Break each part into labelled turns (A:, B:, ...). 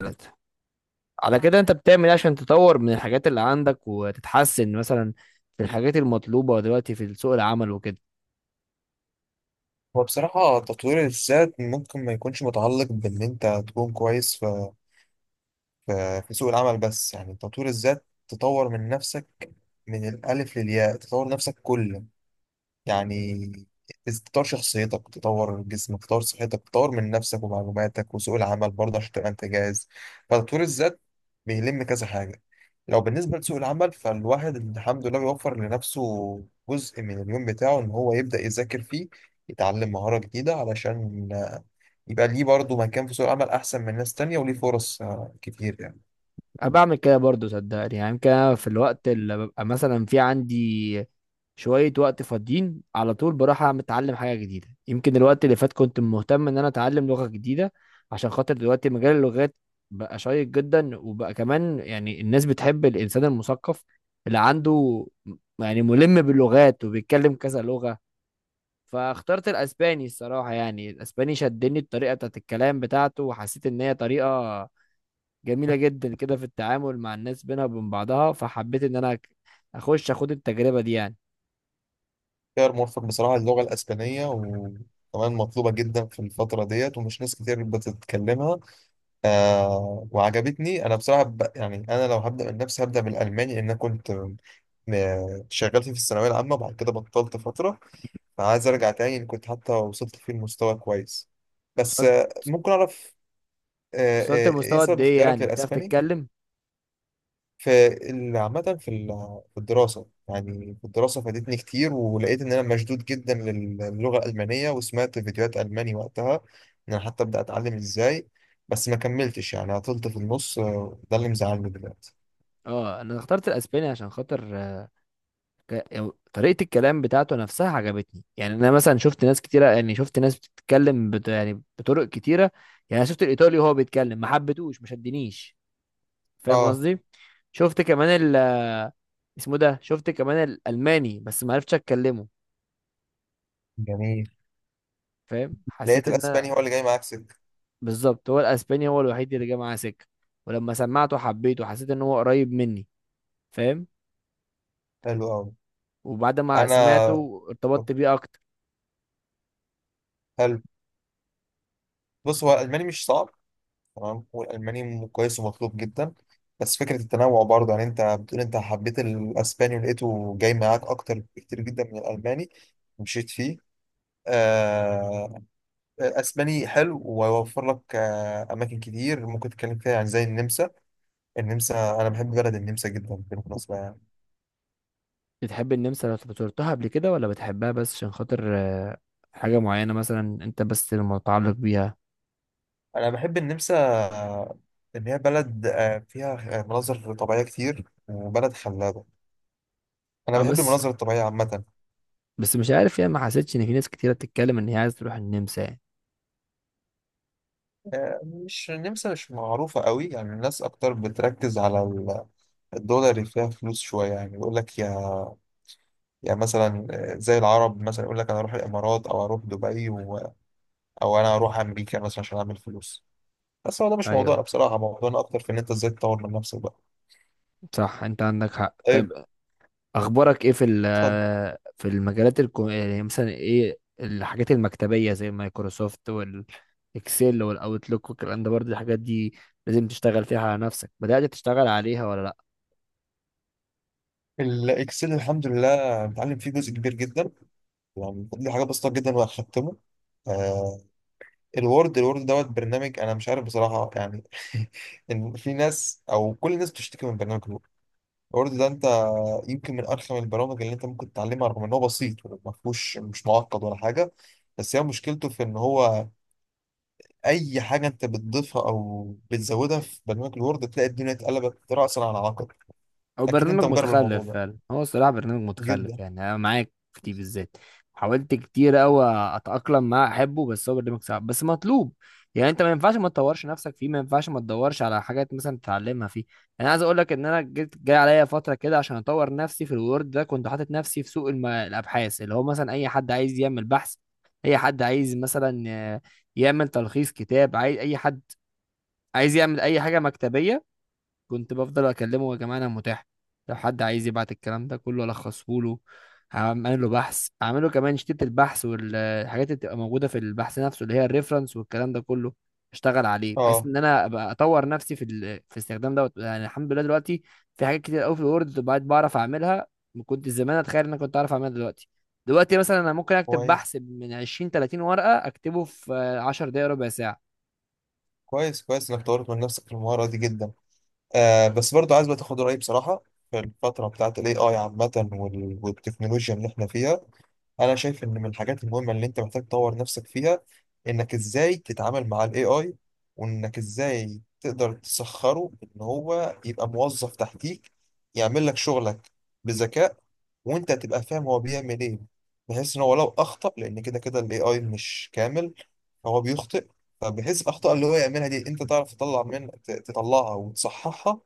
A: ثلاثة. على كده انت بتعمل ايه عشان تطور من الحاجات اللي عندك وتتحسن مثلا في الحاجات المطلوبة دلوقتي في سوق العمل وكده؟
B: هو بصراحة تطوير الذات ممكن ما يكونش متعلق بإن أنت تكون كويس في في سوق العمل، بس يعني تطوير الذات تطور من نفسك من الألف للياء، تطور نفسك كله. يعني تطور شخصيتك، تطور جسمك، تطور صحتك، تطور من نفسك ومعلوماتك وسوق العمل برضه عشان تبقى أنت جاهز. فتطوير الذات بيلم كذا حاجة. لو بالنسبة لسوق العمل فالواحد الحمد لله بيوفر لنفسه جزء من اليوم بتاعه إن هو يبدأ يذاكر فيه، يتعلم مهارة جديدة علشان يبقى ليه برضه مكان في سوق العمل أحسن من ناس تانية وليه فرص كتير يعني.
A: انا بعمل كده برضو صدقني، يعني يمكن انا في الوقت اللي ببقى مثلا عندي شوية وقت فاضيين على طول بروح اتعلم حاجة جديدة. يمكن الوقت اللي فات كنت مهتم ان انا اتعلم لغة جديدة، عشان خاطر دلوقتي مجال اللغات بقى شيق جدا، وبقى كمان يعني الناس بتحب الانسان المثقف اللي عنده يعني ملم باللغات وبيتكلم كذا لغة. فاخترت الاسباني، الصراحه يعني الاسباني شدني الطريقه بتاعت الكلام بتاعته، وحسيت ان هي طريقه جميله جدا كده في التعامل مع الناس بينها وبين بعضها، فحبيت ان انا اخش اخد التجربه دي يعني.
B: خيار موفق بصراحة اللغة الأسبانية، وكمان مطلوبة جدا في الفترة ديت ومش ناس كتير بتتكلمها. آه، وعجبتني. أنا بصراحة يعني أنا لو هبدأ من نفسي هبدأ بالألماني، لأن أنا كنت شغال فيه في الثانوية العامة وبعد كده بطلت فترة، فعايز أرجع تاني إن كنت حتى وصلت فيه لمستوى كويس. بس
A: وصلت.
B: ممكن أعرف
A: وصلت
B: إيه
A: لمستوى قد
B: سبب
A: ايه
B: اختيارك
A: يعني بتعرف
B: للأسباني؟
A: تتكلم؟
B: فعامة في في الدراسة، يعني في الدراسة فادتني كتير ولقيت إن أنا مشدود جدا للغة الألمانية، وسمعت فيديوهات ألماني وقتها إن أنا حتى أبدأ أتعلم إزاي. بس ما كملتش، يعني عطلت في النص. ده اللي مزعلني دلوقتي.
A: اه انا اخترت الاسباني عشان خاطر يعني طريقه الكلام بتاعته نفسها عجبتني. يعني انا مثلا شفت ناس كتيره، يعني شفت ناس بتتكلم يعني بطرق كتيره. يعني أنا شفت الايطالي وهو بيتكلم ما حبيتهوش، ما شدنيش. فاهم
B: اه،
A: قصدي؟ شفت كمان ال، اسمه ده، شفت كمان الالماني بس ما عرفتش اتكلمه.
B: جميل.
A: فاهم؟ حسيت
B: لقيت
A: ان
B: الأسباني هو اللي جاي معاك سكة.
A: بالظبط هو الاسباني هو الوحيد اللي جه معاه سكه. ولما سمعته حبيته، حسيت ان هو قريب مني. فاهم؟
B: حلو أوي.
A: وبعد ما
B: أنا،
A: سمعته
B: طب،
A: ارتبطت بيه اكتر.
B: حلو. بص، هو الألماني مش صعب، تمام، والألماني كويس ومطلوب جدا. بس فكرة التنوع برضه، يعني أنت بتقول أنت حبيت الأسباني ولقيته جاي معاك أكتر بكتير جدا من الألماني ومشيت فيه. آه، أسباني حلو ويوفر لك أماكن كتير ممكن تتكلم فيها، يعني زي النمسا. النمسا أنا بحب بلد النمسا جدا بالمناسبة، يعني
A: بتحب النمسا لو زرتها قبل كده، ولا بتحبها بس عشان خاطر حاجه معينه مثلا انت بس المتعلق بيها؟
B: أنا بحب النمسا. آه، إن هي بلد فيها مناظر طبيعية كتير وبلد خلابة. أنا
A: اه
B: بحب
A: بس،
B: المناظر الطبيعية عامة.
A: بس مش عارف يعني ما حسيتش ان في ناس كتيره بتتكلم ان هي عايزه تروح النمسا يعني.
B: مش النمسا مش معروفة قوي، يعني الناس أكتر بتركز على الدولار، اللي فيها فلوس شوية، يعني يقول لك يا مثلا، زي العرب مثلا يقول لك أنا أروح الإمارات أو أروح دبي أو أنا أروح أمريكا مثلا عشان أعمل فلوس. بس هو ده مش موضوعنا
A: ايوه،
B: بصراحة، موضوعنا أكتر في إن أنت إزاي تطور من نفسك بقى.
A: صح، انت عندك حق.
B: طيب
A: طيب، اخبارك ايه في
B: اتفضل.
A: في المجالات يعني مثلا ايه الحاجات المكتبيه زي مايكروسوفت والاكسل والاوتلوك والكلام ده؟ برضه الحاجات دي لازم تشتغل فيها على نفسك، بدأت تشتغل عليها ولا؟
B: الإكسل الحمد لله بتعلم فيه جزء كبير جدا، يعني دي حاجة بسيطة جدا وهختمه. الوورد، الوورد دوت برنامج انا مش عارف بصراحه يعني، ان في ناس او كل الناس بتشتكي من برنامج الوورد. الوورد ده انت يمكن من ارخم البرامج اللي انت ممكن تتعلمها، رغم ان هو بسيط وما فيهوش، مش معقد ولا حاجه. بس هي مشكلته في ان هو اي حاجه انت بتضيفها او بتزودها في برنامج الوورد تلاقي الدنيا اتقلبت راسا على عقب.
A: او
B: اكيد انت
A: برنامج
B: مجرب الموضوع
A: متخلف
B: ده
A: فعلا هو، الصراحه برنامج متخلف،
B: جدا.
A: يعني انا معاك في دي بالذات. حاولت كتير قوي اتاقلم معاه احبه، بس هو برنامج صعب بس مطلوب. يعني انت ما ينفعش ما تطورش نفسك فيه، ما ينفعش ما تدورش على حاجات مثلا تتعلمها فيه. يعني انا عايز اقول لك ان انا جاي عليا فتره كده عشان اطور نفسي في الوورد ده. كنت حاطط نفسي في سوق الابحاث، اللي هو مثلا اي حد عايز يعمل بحث، اي حد عايز مثلا يعمل تلخيص كتاب، عايز اي حد عايز يعمل اي حاجه مكتبيه. كنت بفضل اكلمه يا جماعه انا متاح، لو حد عايز يبعت الكلام ده كله الخصه له، هعمل له بحث، اعمله كمان شتيت البحث والحاجات اللي بتبقى موجوده في البحث نفسه اللي هي الريفرنس والكلام ده كله. اشتغل عليه بحيث
B: اه،
A: ان انا ابقى اطور نفسي في في الاستخدام دوت. يعني الحمد لله دلوقتي في حاجات كتير قوي في الوورد بقيت بعرف اعملها، ما كنت زمان اتخيل ان انا كنت اعرف اعملها دلوقتي. دلوقتي مثلا انا ممكن اكتب
B: كويس.
A: بحث من 20 30 ورقه اكتبه في 10 دقائق ربع ساعه.
B: كويس كويس انك طورت من نفسك في المهاره دي جدا. آه، بس برضو عايز بقى تاخد رأيي بصراحة. في الفترة بتاعت ال AI عامة والتكنولوجيا اللي احنا فيها، أنا شايف إن من الحاجات المهمة اللي أنت محتاج تطور نفسك فيها إنك إزاي تتعامل مع ال AI، وإنك إزاي تقدر تسخره إن هو يبقى موظف تحتيك يعمل لك شغلك بذكاء، وأنت تبقى فاهم هو بيعمل إيه. بحيث إن هو لو أخطأ، لأن كده كده ال AI مش كامل، هو بيخطئ. فبحيث الأخطاء اللي هو يعملها دي أنت تعرف تطلع من تطلعها وتصححها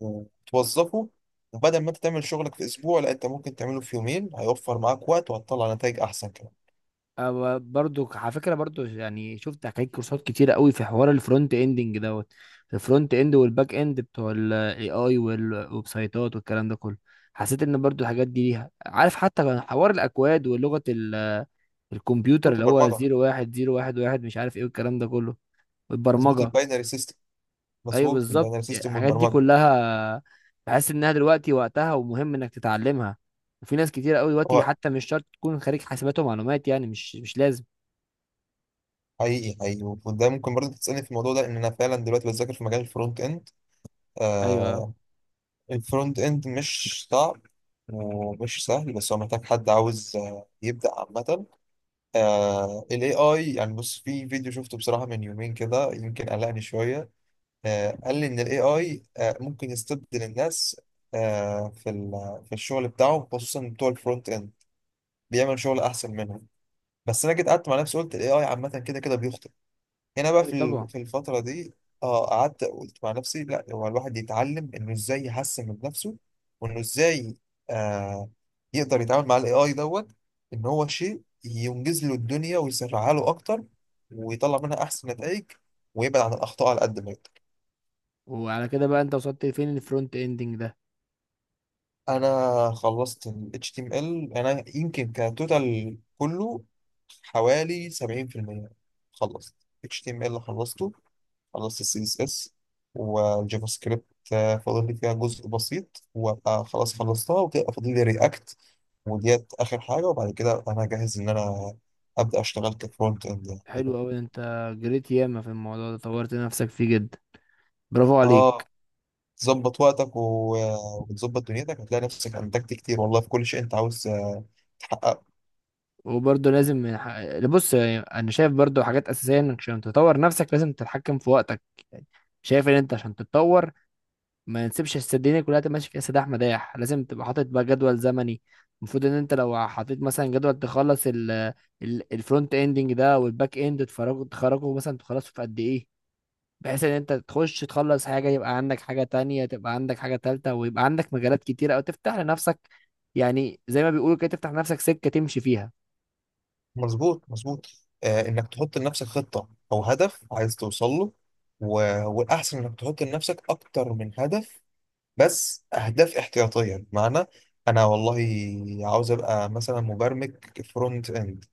B: وتوظفه. وبدل ما انت تعمل شغلك في اسبوع، لا، انت ممكن تعمله في يومين، هيوفر معاك وقت وهتطلع نتائج احسن كمان.
A: أو برضو على فكره، برضو يعني شفت حكايه كورسات كتيره قوي في حوار الفرونت اندنج دوت. الفرونت اند والباك اند بتوع الاي اي والويب سايتات والكلام ده كله، حسيت ان برضو الحاجات دي ليها، عارف، حتى كان حوار الاكواد ولغه الكمبيوتر
B: مظبوط
A: اللي هو
B: البرمجه.
A: زيرو واحد زيرو واحد واحد مش عارف ايه والكلام ده كله.
B: مظبوط
A: والبرمجه،
B: الباينري سيستم.
A: ايوه
B: مظبوط
A: بالظبط.
B: الباينري
A: يعني
B: سيستم
A: الحاجات دي
B: والبرمجه.
A: كلها بحس انها دلوقتي وقتها ومهم انك تتعلمها. وفي ناس كتير قوي دلوقتي
B: هو
A: حتى مش شرط تكون خريج حاسبات ومعلومات، يعني مش لازم.
B: حقيقي حقيقي، وده ممكن برضه تسالني في الموضوع ده، ان انا فعلا دلوقتي بذاكر في مجال الفرونت اند.
A: ايوه،
B: آه، الفرونت اند مش صعب ومش سهل، بس هو محتاج حد عاوز يبدأ عامة. آه، ال AI يعني، بص، في فيديو شفته بصراحة من يومين كده يمكن قلقني شوية. قال لي ان الاي اي ممكن يستبدل الناس في في الشغل بتاعهم، خصوصا بتوع الفرونت اند، بيعمل شغل احسن منهم. بس انا جيت قعدت مع نفسي قلت الاي اي عامه كده كده بيخطئ هنا بقى
A: أيوة
B: في
A: طبعا.
B: في الفتره دي. اه، قعدت قلت مع نفسي لا، هو الواحد يتعلم انه ازاي يحسن من نفسه، وانه ازاي آه، يقدر يتعامل مع الاي اي دوت ان هو شيء ينجز له الدنيا ويسرعها له اكتر ويطلع منها احسن نتائج ويبعد عن الاخطاء على قد ما يقدر.
A: وعلى كده بقى انت وصلت فين الفرونت اندنج ده؟
B: انا خلصت ال HTML. انا يمكن كتوتال كله حوالي 70% خلصت. HTML خلصته، خلصت ال CSS والجافا سكريبت. فاضل لي فيها جزء بسيط وابقى خلاص خلصتها، وتبقى فاضل لي رياكت وديت اخر حاجه، وبعد كده انا جاهز ان انا ابدا اشتغل كفرونت اند
A: حلو
B: يعني.
A: قوي، انت جريت ياما في الموضوع ده، طورت نفسك فيه جدا، برافو عليك.
B: اه، تظبط وقتك وتظبط دنيتك هتلاقي نفسك انتجت كتير والله، في كل شيء انت عاوز تحققه.
A: وبرضه لازم من حق... بص يعني انا شايف برضه حاجات اساسيه، انك عشان تطور نفسك لازم تتحكم في وقتك. يعني شايف ان انت عشان تتطور ما نسيبش الدنيا كلها تبقى ماشي فيها سداح مداح، لازم تبقى حاطط بقى جدول زمني. المفروض ان انت لو حطيت مثلا جدول تخلص الفرونت اندنج ده والباك اند، تفرغه تخرجه مثلا تخلصه في قد ايه، بحيث ان انت تخش تخلص حاجة يبقى عندك حاجة تانية، تبقى عندك حاجة تالتة، ويبقى عندك مجالات كتيرة او تفتح لنفسك، يعني زي ما بيقولوا كده تفتح لنفسك سكة تمشي فيها.
B: مظبوط مظبوط. آه، انك تحط لنفسك خطة او هدف عايز توصل له، و... والاحسن انك تحط لنفسك اكتر من هدف، بس اهداف احتياطية. بمعنى، انا والله عاوز ابقى مثلا مبرمج فرونت اند،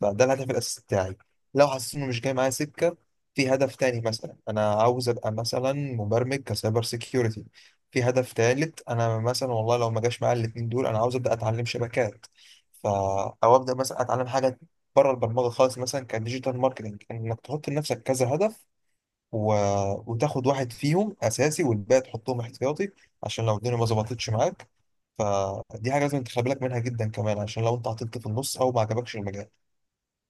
B: فده الهدف الأساسي بتاعي. لو حسيت إنه مش جاي معايا سكة، في هدف تاني، مثلا أنا عاوز أبقى مثلا مبرمج كسايبر سيكيورتي. في هدف تالت، أنا مثلا والله لو ما جاش معايا الاتنين دول أنا عاوز أبدأ أتعلم شبكات. ف أو أبدأ مثلا أتعلم حاجة بره البرمجة خالص، مثلا كديجيتال ماركتنج. إنك تحط لنفسك كذا هدف و... وتاخد واحد فيهم أساسي والباقي تحطهم احتياطي، عشان لو الدنيا ما ظبطتش معاك. فدي حاجة لازم تخلي بالك منها جدا كمان، عشان لو أنت عطلت في النص أو ما عجبكش المجال.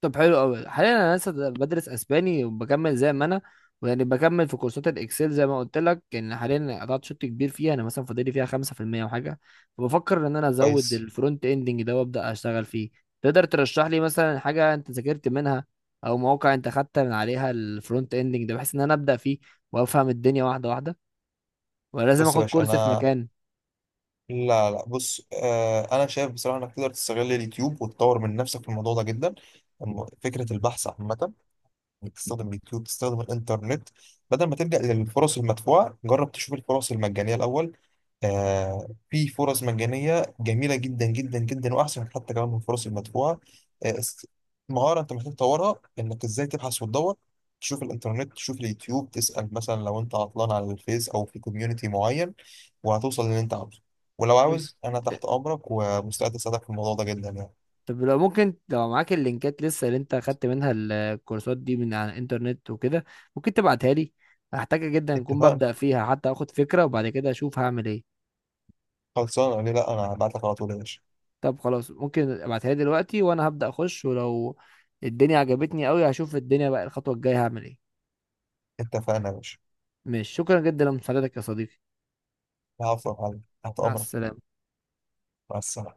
A: طب حلو قوي. حاليا انا لسه بدرس اسباني وبكمل زي ما انا، ويعني بكمل في كورسات الاكسل زي ما قلت لك، ان حاليا قطعت شوط كبير فيها، انا مثلا فاضلي فيها 5% وحاجه. فبفكر ان انا ازود
B: كويس.
A: الفرونت اندنج ده وابدا اشتغل فيه. تقدر ترشح لي مثلا حاجه انت ذاكرت منها او مواقع انت خدت من عليها الفرونت اندنج ده، بحيث ان انا ابدا فيه وافهم الدنيا واحده واحده؟ ولا لازم
B: بص يا
A: اخد
B: باشا
A: كورس في
B: انا،
A: مكان؟
B: لا لا، بص، آه، انا شايف بصراحه انك تقدر تستغل اليوتيوب وتطور من نفسك في الموضوع ده جدا. فكره البحث عامه، بتستخدم اليوتيوب، بتستخدم الانترنت. بدل ما تلجأ للفرص المدفوعة جرب تشوف الفرص المجانية الأول. آه، في فرص مجانية جميلة جدا جدا جدا وأحسن حتى كمان من الفرص المدفوعة. آه است- مهارة أنت محتاج تطورها إنك إزاي تبحث وتدور، تشوف الإنترنت تشوف اليوتيوب، تسأل مثلا لو أنت عطلان على الفيس أو في كوميونيتي معين، وهتوصل للي أنت عاوزه. ولو عاوز، أنا تحت أمرك ومستعد أساعدك في الموضوع ده جدا يعني.
A: طب لو ممكن، لو معاك اللينكات لسه اللي انت اخدت منها الكورسات دي من على الانترنت وكده، ممكن تبعتها لي؟ هحتاجها جدا، اكون
B: اتفقنا،
A: ببدأ فيها حتى اخد فكرة وبعد كده اشوف هعمل ايه.
B: خلصانة ليه لأ، أنا هبعت لك على طول يا باشا.
A: طب خلاص ممكن ابعتها لي دلوقتي وانا هبدأ اخش، ولو الدنيا عجبتني قوي هشوف الدنيا بقى الخطوة الجاية هعمل ايه.
B: اتفقنا يا باشا.
A: ماشي، شكرا جدا لمساعدتك يا صديقي.
B: العفو يا معلم، تحت
A: مع
B: أمرك.
A: السلامة.
B: مع السلامة.